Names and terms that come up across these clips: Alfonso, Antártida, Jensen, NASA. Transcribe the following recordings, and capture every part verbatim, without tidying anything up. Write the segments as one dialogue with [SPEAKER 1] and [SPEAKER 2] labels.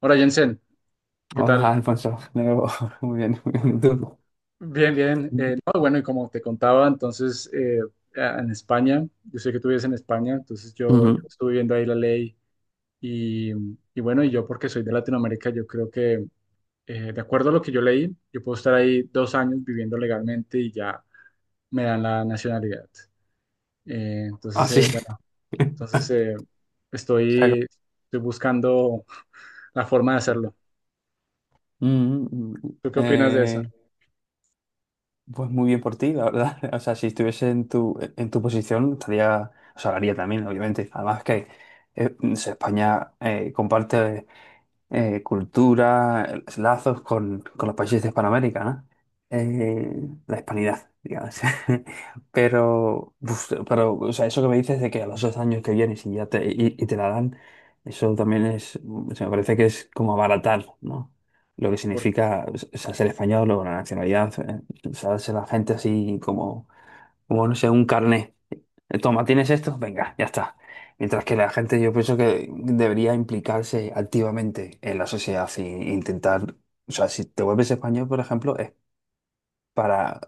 [SPEAKER 1] Hola Jensen, ¿qué
[SPEAKER 2] Hola,
[SPEAKER 1] tal?
[SPEAKER 2] Alfonso. De nuevo. Muy bien, muy bien. ¿Tú?
[SPEAKER 1] Bien, bien. Eh, no, bueno, y como te contaba, entonces eh, a- en España, yo sé que tú vives en España, entonces yo, yo
[SPEAKER 2] Ujú.
[SPEAKER 1] estuve viendo ahí la ley y, y bueno, y yo porque soy de Latinoamérica, yo creo que eh, de acuerdo a lo que yo leí, yo puedo estar ahí dos años viviendo legalmente y ya me dan la nacionalidad. Eh,
[SPEAKER 2] Ah,
[SPEAKER 1] entonces,
[SPEAKER 2] sí.
[SPEAKER 1] eh, bueno, entonces eh,
[SPEAKER 2] O sea,
[SPEAKER 1] estoy, estoy buscando la forma de
[SPEAKER 2] como-
[SPEAKER 1] hacerlo.
[SPEAKER 2] Mm, mm,
[SPEAKER 1] ¿Tú qué opinas de eso?
[SPEAKER 2] eh, pues muy bien por ti, la verdad. O sea, si estuviese en tu, en tu posición, estaría, o sea, lo haría también, obviamente. Además que eh, no sé, España eh, comparte eh, cultura, eh, lazos con, con los países de Hispanoamérica, ¿no? Eh, la hispanidad, digamos. Pero, uf, pero o sea, eso que me dices de que a los dos años que vienes y ya te, y, y te la dan, eso también es, o sea, me parece que es como abaratar, ¿no? Lo que significa, o sea, ser español o la nacionalidad, eh, o sea, ser la gente así como, como, no sé, un carné. Eh, Toma, ¿tienes esto? Venga, ya está. Mientras que la gente, yo pienso que debería implicarse activamente en la sociedad e intentar, o sea, si te vuelves español, por ejemplo, es para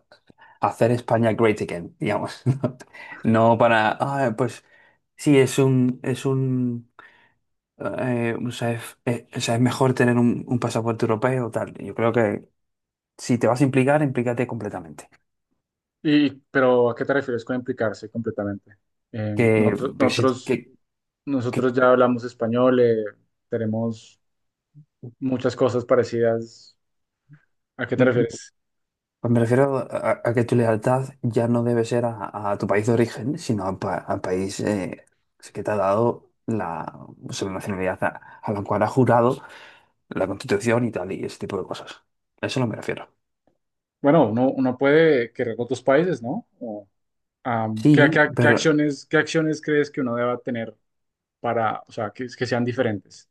[SPEAKER 2] hacer España great again, digamos. No no para, "Ah, pues sí, es un, es un, eh, o sea, es, eh, o sea, es mejor tener un, un pasaporte europeo o tal. Yo creo que si te vas a implicar, implícate completamente.
[SPEAKER 1] Y, pero ¿a qué te refieres con implicarse completamente? Eh,
[SPEAKER 2] Que,
[SPEAKER 1] nosotros,
[SPEAKER 2] porque si- que,
[SPEAKER 1] nosotros,
[SPEAKER 2] que-
[SPEAKER 1] nosotros ya hablamos español, eh, tenemos muchas cosas parecidas. ¿A qué te refieres?
[SPEAKER 2] Pues me refiero a, a que tu lealtad ya no debe ser a, a tu país de origen, sino al pa- al país eh, que te ha dado la, o sea, la nacionalidad a, a la cual ha jurado la Constitución y tal, y ese tipo de cosas. A eso no me refiero.
[SPEAKER 1] Bueno, uno, uno puede querer otros países, ¿no? O, am, ¿qué,
[SPEAKER 2] Sí,
[SPEAKER 1] qué- qué
[SPEAKER 2] pero
[SPEAKER 1] acciones, qué acciones crees que uno deba tener para, o sea, que, que sean diferentes?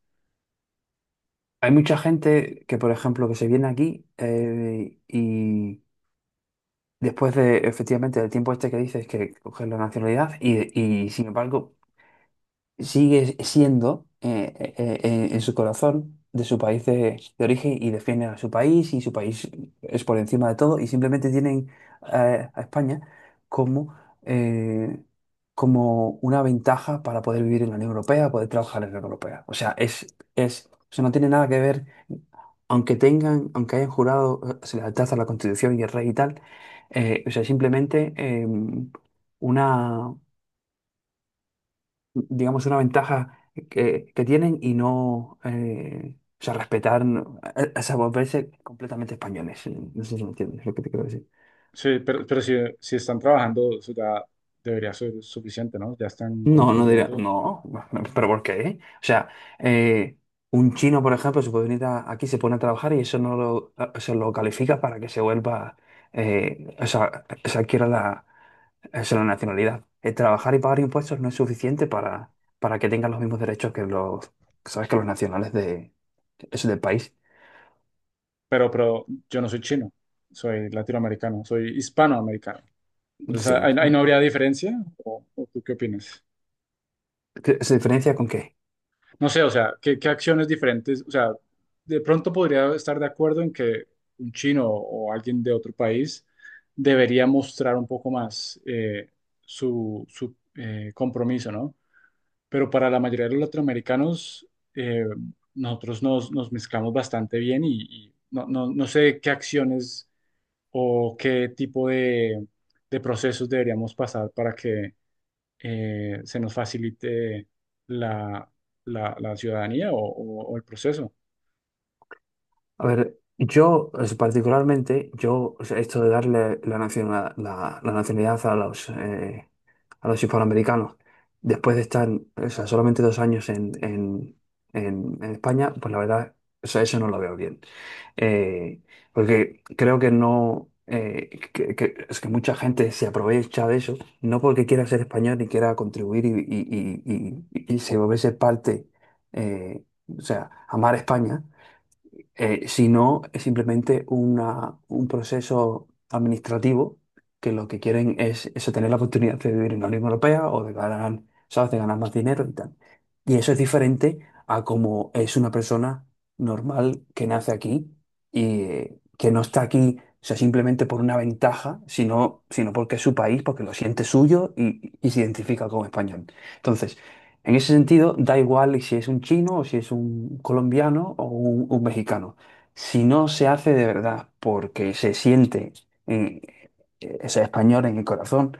[SPEAKER 2] hay mucha gente que, por ejemplo, que se viene aquí eh, y después de, efectivamente, del tiempo este que dices que coges la nacionalidad y, y, sin embargo, sigue siendo eh, eh, eh, eh, en su corazón de su país de, de origen y defiende a su país y su país es por encima de todo y simplemente tienen eh, a España como, eh, como una ventaja para poder vivir en la Unión Europea, poder trabajar en la Unión Europea. O sea, es, es, o sea, no tiene nada que ver, aunque tengan, aunque hayan jurado eh, su lealtad a la Constitución y el rey y tal, eh, o sea, simplemente, em, una, digamos, una ventaja que, que tienen y no, eh, o sea, respetar, eh, o sea, volverse completamente españoles. No sé si me entiendes lo que te quiero decir.
[SPEAKER 1] Sí, pero, pero si, si están trabajando, eso ya debería ser suficiente, ¿no? Ya están
[SPEAKER 2] No, no diría,
[SPEAKER 1] contribuyendo.
[SPEAKER 2] no, pero ¿por qué? O sea, eh, un chino, por ejemplo, se puede venir a- aquí, se pone a trabajar y eso no lo, se lo califica para que se vuelva, eh, o sea, se adquiera la, eso es la nacionalidad. El trabajar y pagar impuestos no es suficiente para, para que tengan los mismos derechos que los, ¿sabes? Que los nacionales de, eso del país.
[SPEAKER 1] Pero, pero yo no soy chino, soy latinoamericano, soy hispanoamericano. Entonces, ahí,
[SPEAKER 2] Sí.
[SPEAKER 1] ahí no habría diferencia, ¿o, o tú qué opinas?
[SPEAKER 2] ¿Qué- ¿Se diferencia con qué?
[SPEAKER 1] No sé, o sea, ¿qué, qué acciones diferentes? O sea, de pronto podría estar de acuerdo en que un chino o alguien de otro país debería mostrar un poco más eh, su, su, eh, compromiso, ¿no? Pero para la mayoría de los latinoamericanos, eh, nosotros nos, nos mezclamos bastante bien y, y no, no, no sé qué acciones o qué tipo de, de procesos deberíamos pasar para que eh, se nos facilite la, la- la ciudadanía o, o- o el proceso.
[SPEAKER 2] A ver, yo es- particularmente, yo, o sea, esto de darle la nacionalidad, la, la nacionalidad a los, eh, a los hispanoamericanos, después de estar, o sea, solamente dos años en, en- en- en- España, pues la verdad, o sea, eso no lo veo bien. Eh, Porque creo que no, eh, que, que- es que mucha gente se aprovecha de eso, no porque quiera ser español y quiera contribuir y, y- y- y- y se volverse parte, eh, o sea, amar España eh, si no, es simplemente una, un proceso administrativo que lo que quieren es eso, tener la oportunidad de vivir en la Unión Europea o de ganar, ¿sabes? De ganar más dinero y tal. Y eso es diferente a como es una persona normal que nace aquí y eh, que no está aquí, o sea, simplemente por una ventaja, sino, sino porque es su país, porque lo siente suyo y, y se identifica como español. Entonces, en ese sentido, da igual si es un chino o si es un colombiano o un, un mexicano. Si no se hace de verdad porque se siente eh, ese español en el corazón,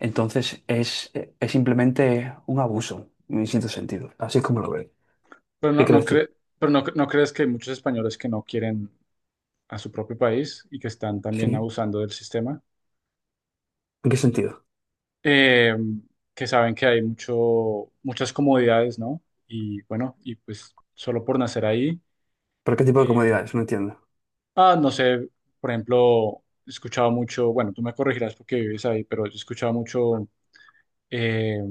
[SPEAKER 2] entonces es, es simplemente un abuso en cierto sentido. Así es como lo veo.
[SPEAKER 1] Pero
[SPEAKER 2] ¿Qué
[SPEAKER 1] no, no
[SPEAKER 2] crees tú?
[SPEAKER 1] cre- pero no, no crees que hay muchos españoles que no quieren a su propio país y que están también
[SPEAKER 2] ¿Sí?
[SPEAKER 1] abusando del sistema,
[SPEAKER 2] ¿En qué sentido?
[SPEAKER 1] Eh, que saben que hay mucho, muchas comodidades, ¿no? Y bueno, y pues solo por nacer ahí.
[SPEAKER 2] ¿Pero qué tipo de
[SPEAKER 1] eh,
[SPEAKER 2] comodidades? No entiendo.
[SPEAKER 1] ah, no sé, por ejemplo, he escuchado mucho, bueno, tú me corregirás porque vives ahí, pero yo he escuchado mucho eh,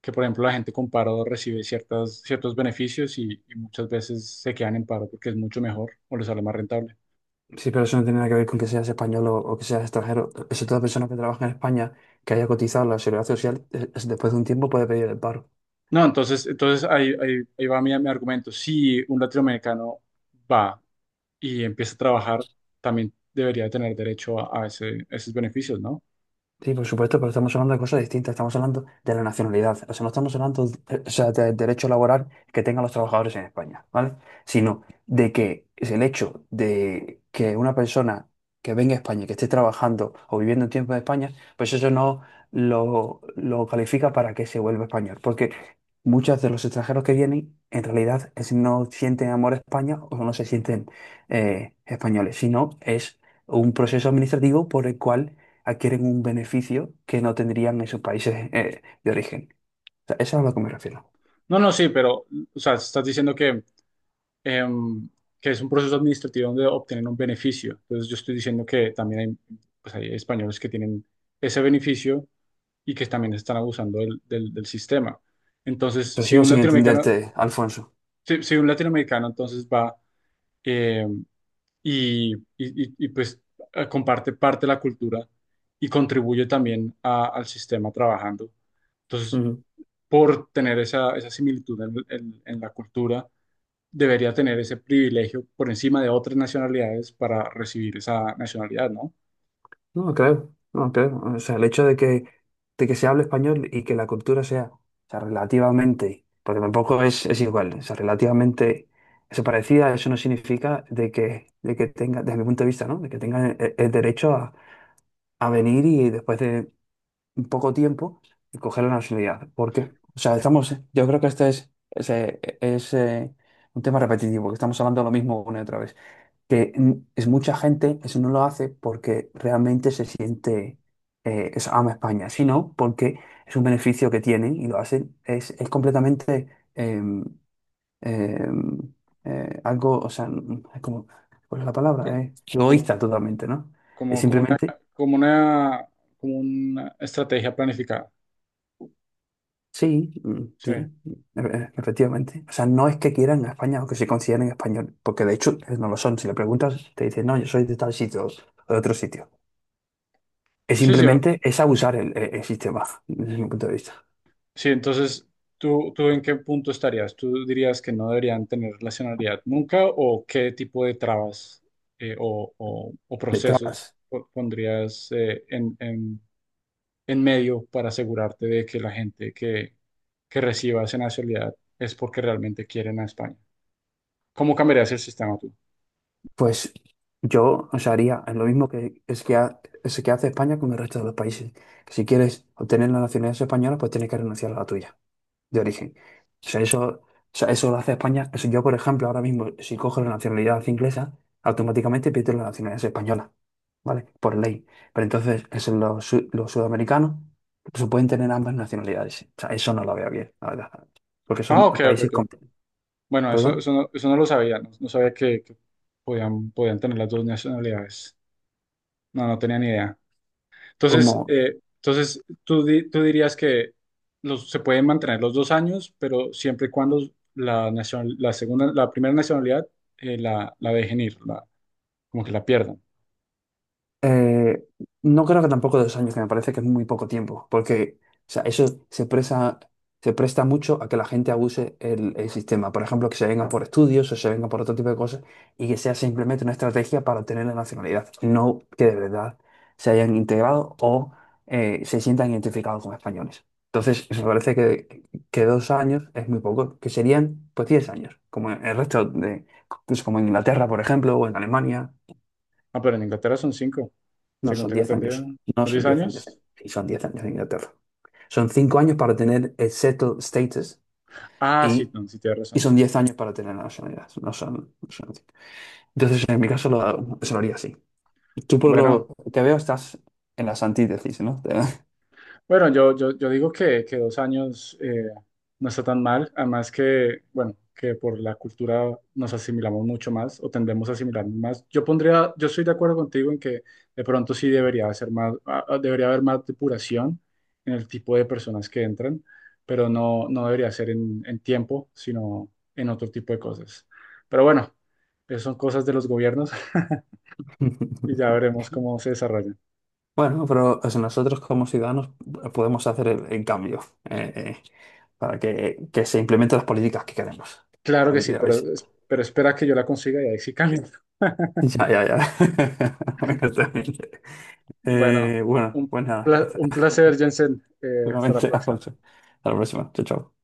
[SPEAKER 1] que por ejemplo la gente con paro recibe ciertas, ciertos beneficios y, y muchas veces se quedan en paro porque es mucho mejor o les sale más rentable.
[SPEAKER 2] Sí, pero eso no tiene nada que ver con que seas español o, o que seas extranjero. Eso toda persona que trabaja en España, que haya cotizado en la seguridad social, eh, es- después de un tiempo puede pedir el paro.
[SPEAKER 1] No, entonces, entonces ahí, ahí, ahí va mi, mi argumento. Si un latinoamericano va y empieza a trabajar, también debería tener derecho a, a ese- esos beneficios, ¿no?
[SPEAKER 2] Sí, por supuesto, pero estamos hablando de cosas distintas. Estamos hablando de la nacionalidad. O sea, no estamos hablando, eh, o sea, del derecho laboral que tengan los trabajadores en España, ¿vale? Sino de que es el hecho de que una persona que venga a España, que esté trabajando o viviendo un tiempo en España, pues eso no lo, lo califica para que se vuelva español. Porque muchos de los extranjeros que vienen, en realidad, es, no sienten amor a España o no se sienten eh, españoles, sino es un proceso administrativo por el cual adquieren un beneficio que no tendrían en sus países eh, de origen. O sea, eso es a lo que me refiero.
[SPEAKER 1] No, no, sí, pero, o sea, estás diciendo que em, que es un proceso administrativo donde obtienen un beneficio. Entonces yo estoy diciendo que también hay, pues hay españoles que tienen ese beneficio y que también están abusando del, del- del sistema. Entonces,
[SPEAKER 2] Pero
[SPEAKER 1] si
[SPEAKER 2] sigo
[SPEAKER 1] un
[SPEAKER 2] sin
[SPEAKER 1] latinoamericano,
[SPEAKER 2] entenderte, Alfonso.
[SPEAKER 1] si, si un latinoamericano entonces va, eh, y, y- y- y, pues eh, comparte parte de la cultura y contribuye también a- al sistema trabajando, entonces
[SPEAKER 2] Ujú.
[SPEAKER 1] por tener esa, esa similitud en en- en la cultura, debería tener ese privilegio por encima de otras nacionalidades para recibir esa nacionalidad, ¿no?
[SPEAKER 2] No lo creo, no lo creo. O sea, el hecho de que, de que se hable español y que la cultura sea, o sea, relativamente, porque tampoco es, es igual, o sea, relativamente eso parecida, eso no significa de que, de que tenga, desde mi punto de vista, ¿no? De que tenga el, el derecho a, a venir y después de, poco tiempo y coger la nacionalidad. ¿Por qué? O sea, estamos, yo creo que este es, es, eh, es, eh, un tema repetitivo, que estamos hablando de lo mismo una y otra vez. Que mm, es mucha gente, eso no lo hace porque realmente se siente, eh, es, ama España, sino porque es un beneficio que tienen y lo hacen, es, es completamente em, em, eh, algo, o sea, mm, es como, ¿cuál es la palabra?
[SPEAKER 1] Co-
[SPEAKER 2] Eh,
[SPEAKER 1] Como,
[SPEAKER 2] egoísta totalmente, ¿no? Es
[SPEAKER 1] como, como una,
[SPEAKER 2] simplemente.
[SPEAKER 1] como una, como una estrategia planificada.
[SPEAKER 2] Sí, mm,
[SPEAKER 1] Sí,
[SPEAKER 2] sí, e- efectivamente. O sea, no es que quieran a España o que se consideren español, porque de hecho eh, no lo son. Si le preguntas, te dicen, no, yo soy de tal sitio o de otro sitio. Es
[SPEAKER 1] sí, sí. o-
[SPEAKER 2] simplemente, es abusar el, el- el sistema, desde mi punto de vista.
[SPEAKER 1] sí, entonces, ¿tú, tú en qué punto estarías? ¿Tú dirías que no deberían tener nacionalidad nunca o qué tipo de trabas eh, o, o- o
[SPEAKER 2] De
[SPEAKER 1] procesos
[SPEAKER 2] trabas.
[SPEAKER 1] po- pondrías eh, en, en en medio para asegurarte de que la gente que, que reciba esa nacionalidad es porque realmente quieren a España. ¿Cómo cambiarías el sistema tú?
[SPEAKER 2] Pues yo, o sea, haría lo mismo que, es que, ha- es que hace España con el resto de los países. Si quieres obtener la nacionalidad española, pues tienes que renunciar a la tuya de origen. O sea, eso, o sea, eso lo hace España. O sea, yo, por ejemplo, ahora mismo, si cojo la nacionalidad inglesa, automáticamente pierdo la nacionalidad española, ¿vale? Por ley. Pero entonces, eso, los, su- los sudamericanos pues pueden tener ambas nacionalidades. O sea, eso no lo veo bien, la verdad. Porque
[SPEAKER 1] Ah,
[SPEAKER 2] son
[SPEAKER 1] ok, ok,
[SPEAKER 2] países,
[SPEAKER 1] ok.
[SPEAKER 2] con-
[SPEAKER 1] Bueno, eso,
[SPEAKER 2] perdón,
[SPEAKER 1] eso, no, eso no lo sabía, no, no sabía que, que podían, podían tener las dos nacionalidades. No, no tenía ni idea. Entonces,
[SPEAKER 2] como,
[SPEAKER 1] eh, entonces tú, di- tú dirías que los, se pueden mantener los dos años, pero siempre y cuando la, nacion- la, segunda, la primera nacionalidad, eh, la, la dejen ir, la- como que la pierdan.
[SPEAKER 2] Eh, no creo que tampoco dos años, que me parece que es muy poco tiempo, porque o sea, eso se presta, se presta mucho a que la gente abuse el, el sistema. Por ejemplo, que se venga por estudios o se venga por otro tipo de cosas y que sea simplemente una estrategia para obtener la nacionalidad, no que de verdad se hayan integrado o eh, se sientan identificados como españoles. Entonces, me parece que, que dos años es muy poco, que serían pues diez años, como en el resto de, pues, como en Inglaterra, por ejemplo, o en Alemania.
[SPEAKER 1] Ah, pero en Inglaterra son cinco,
[SPEAKER 2] No
[SPEAKER 1] según
[SPEAKER 2] son
[SPEAKER 1] tengo
[SPEAKER 2] diez
[SPEAKER 1] entendido.
[SPEAKER 2] años. No
[SPEAKER 1] ¿Son
[SPEAKER 2] son
[SPEAKER 1] diez
[SPEAKER 2] diez años.
[SPEAKER 1] años?
[SPEAKER 2] Sí, son diez años en Inglaterra. Son cinco años para tener el settled status
[SPEAKER 1] Ah, sí,
[SPEAKER 2] y,
[SPEAKER 1] no, sí, tienes
[SPEAKER 2] y
[SPEAKER 1] razón.
[SPEAKER 2] son diez años para tener la nacionalidad. No son, no son- Entonces, en mi caso, lo, se lo haría así. Tú, por lo
[SPEAKER 1] Bueno,
[SPEAKER 2] que veo, estás en las antítesis, ¿no? Te-
[SPEAKER 1] Bueno, yo, yo, yo digo que, que dos años eh, no está tan mal, además que, bueno, que por la cultura nos asimilamos mucho más o tendemos a asimilar más. Yo pondría, yo estoy de acuerdo contigo en que de pronto sí debería ser más, ah, ah, debería haber más depuración en el tipo de personas que entran, pero no, no debería ser en, en tiempo, sino en otro tipo de cosas. Pero bueno, esas son cosas de los gobiernos y ya veremos cómo se desarrollan.
[SPEAKER 2] Bueno, pero o sea, nosotros como ciudadanos podemos hacer el, el cambio eh, eh, para que, que se implementen las políticas que queremos.
[SPEAKER 1] Claro que
[SPEAKER 2] Así
[SPEAKER 1] sí,
[SPEAKER 2] que, a ver
[SPEAKER 1] pero,
[SPEAKER 2] si-
[SPEAKER 1] pero espera que yo la consiga y ahí sí cambia.
[SPEAKER 2] Ya, ya, ya. Bueno, terrible.
[SPEAKER 1] Bueno,
[SPEAKER 2] Eh, bueno,
[SPEAKER 1] un,
[SPEAKER 2] pues nada, ya
[SPEAKER 1] pla-
[SPEAKER 2] está.
[SPEAKER 1] un placer, Jensen. Eh, hasta la
[SPEAKER 2] Seguramente,
[SPEAKER 1] próxima.
[SPEAKER 2] Alfonso. Hasta la próxima. Chao, chao.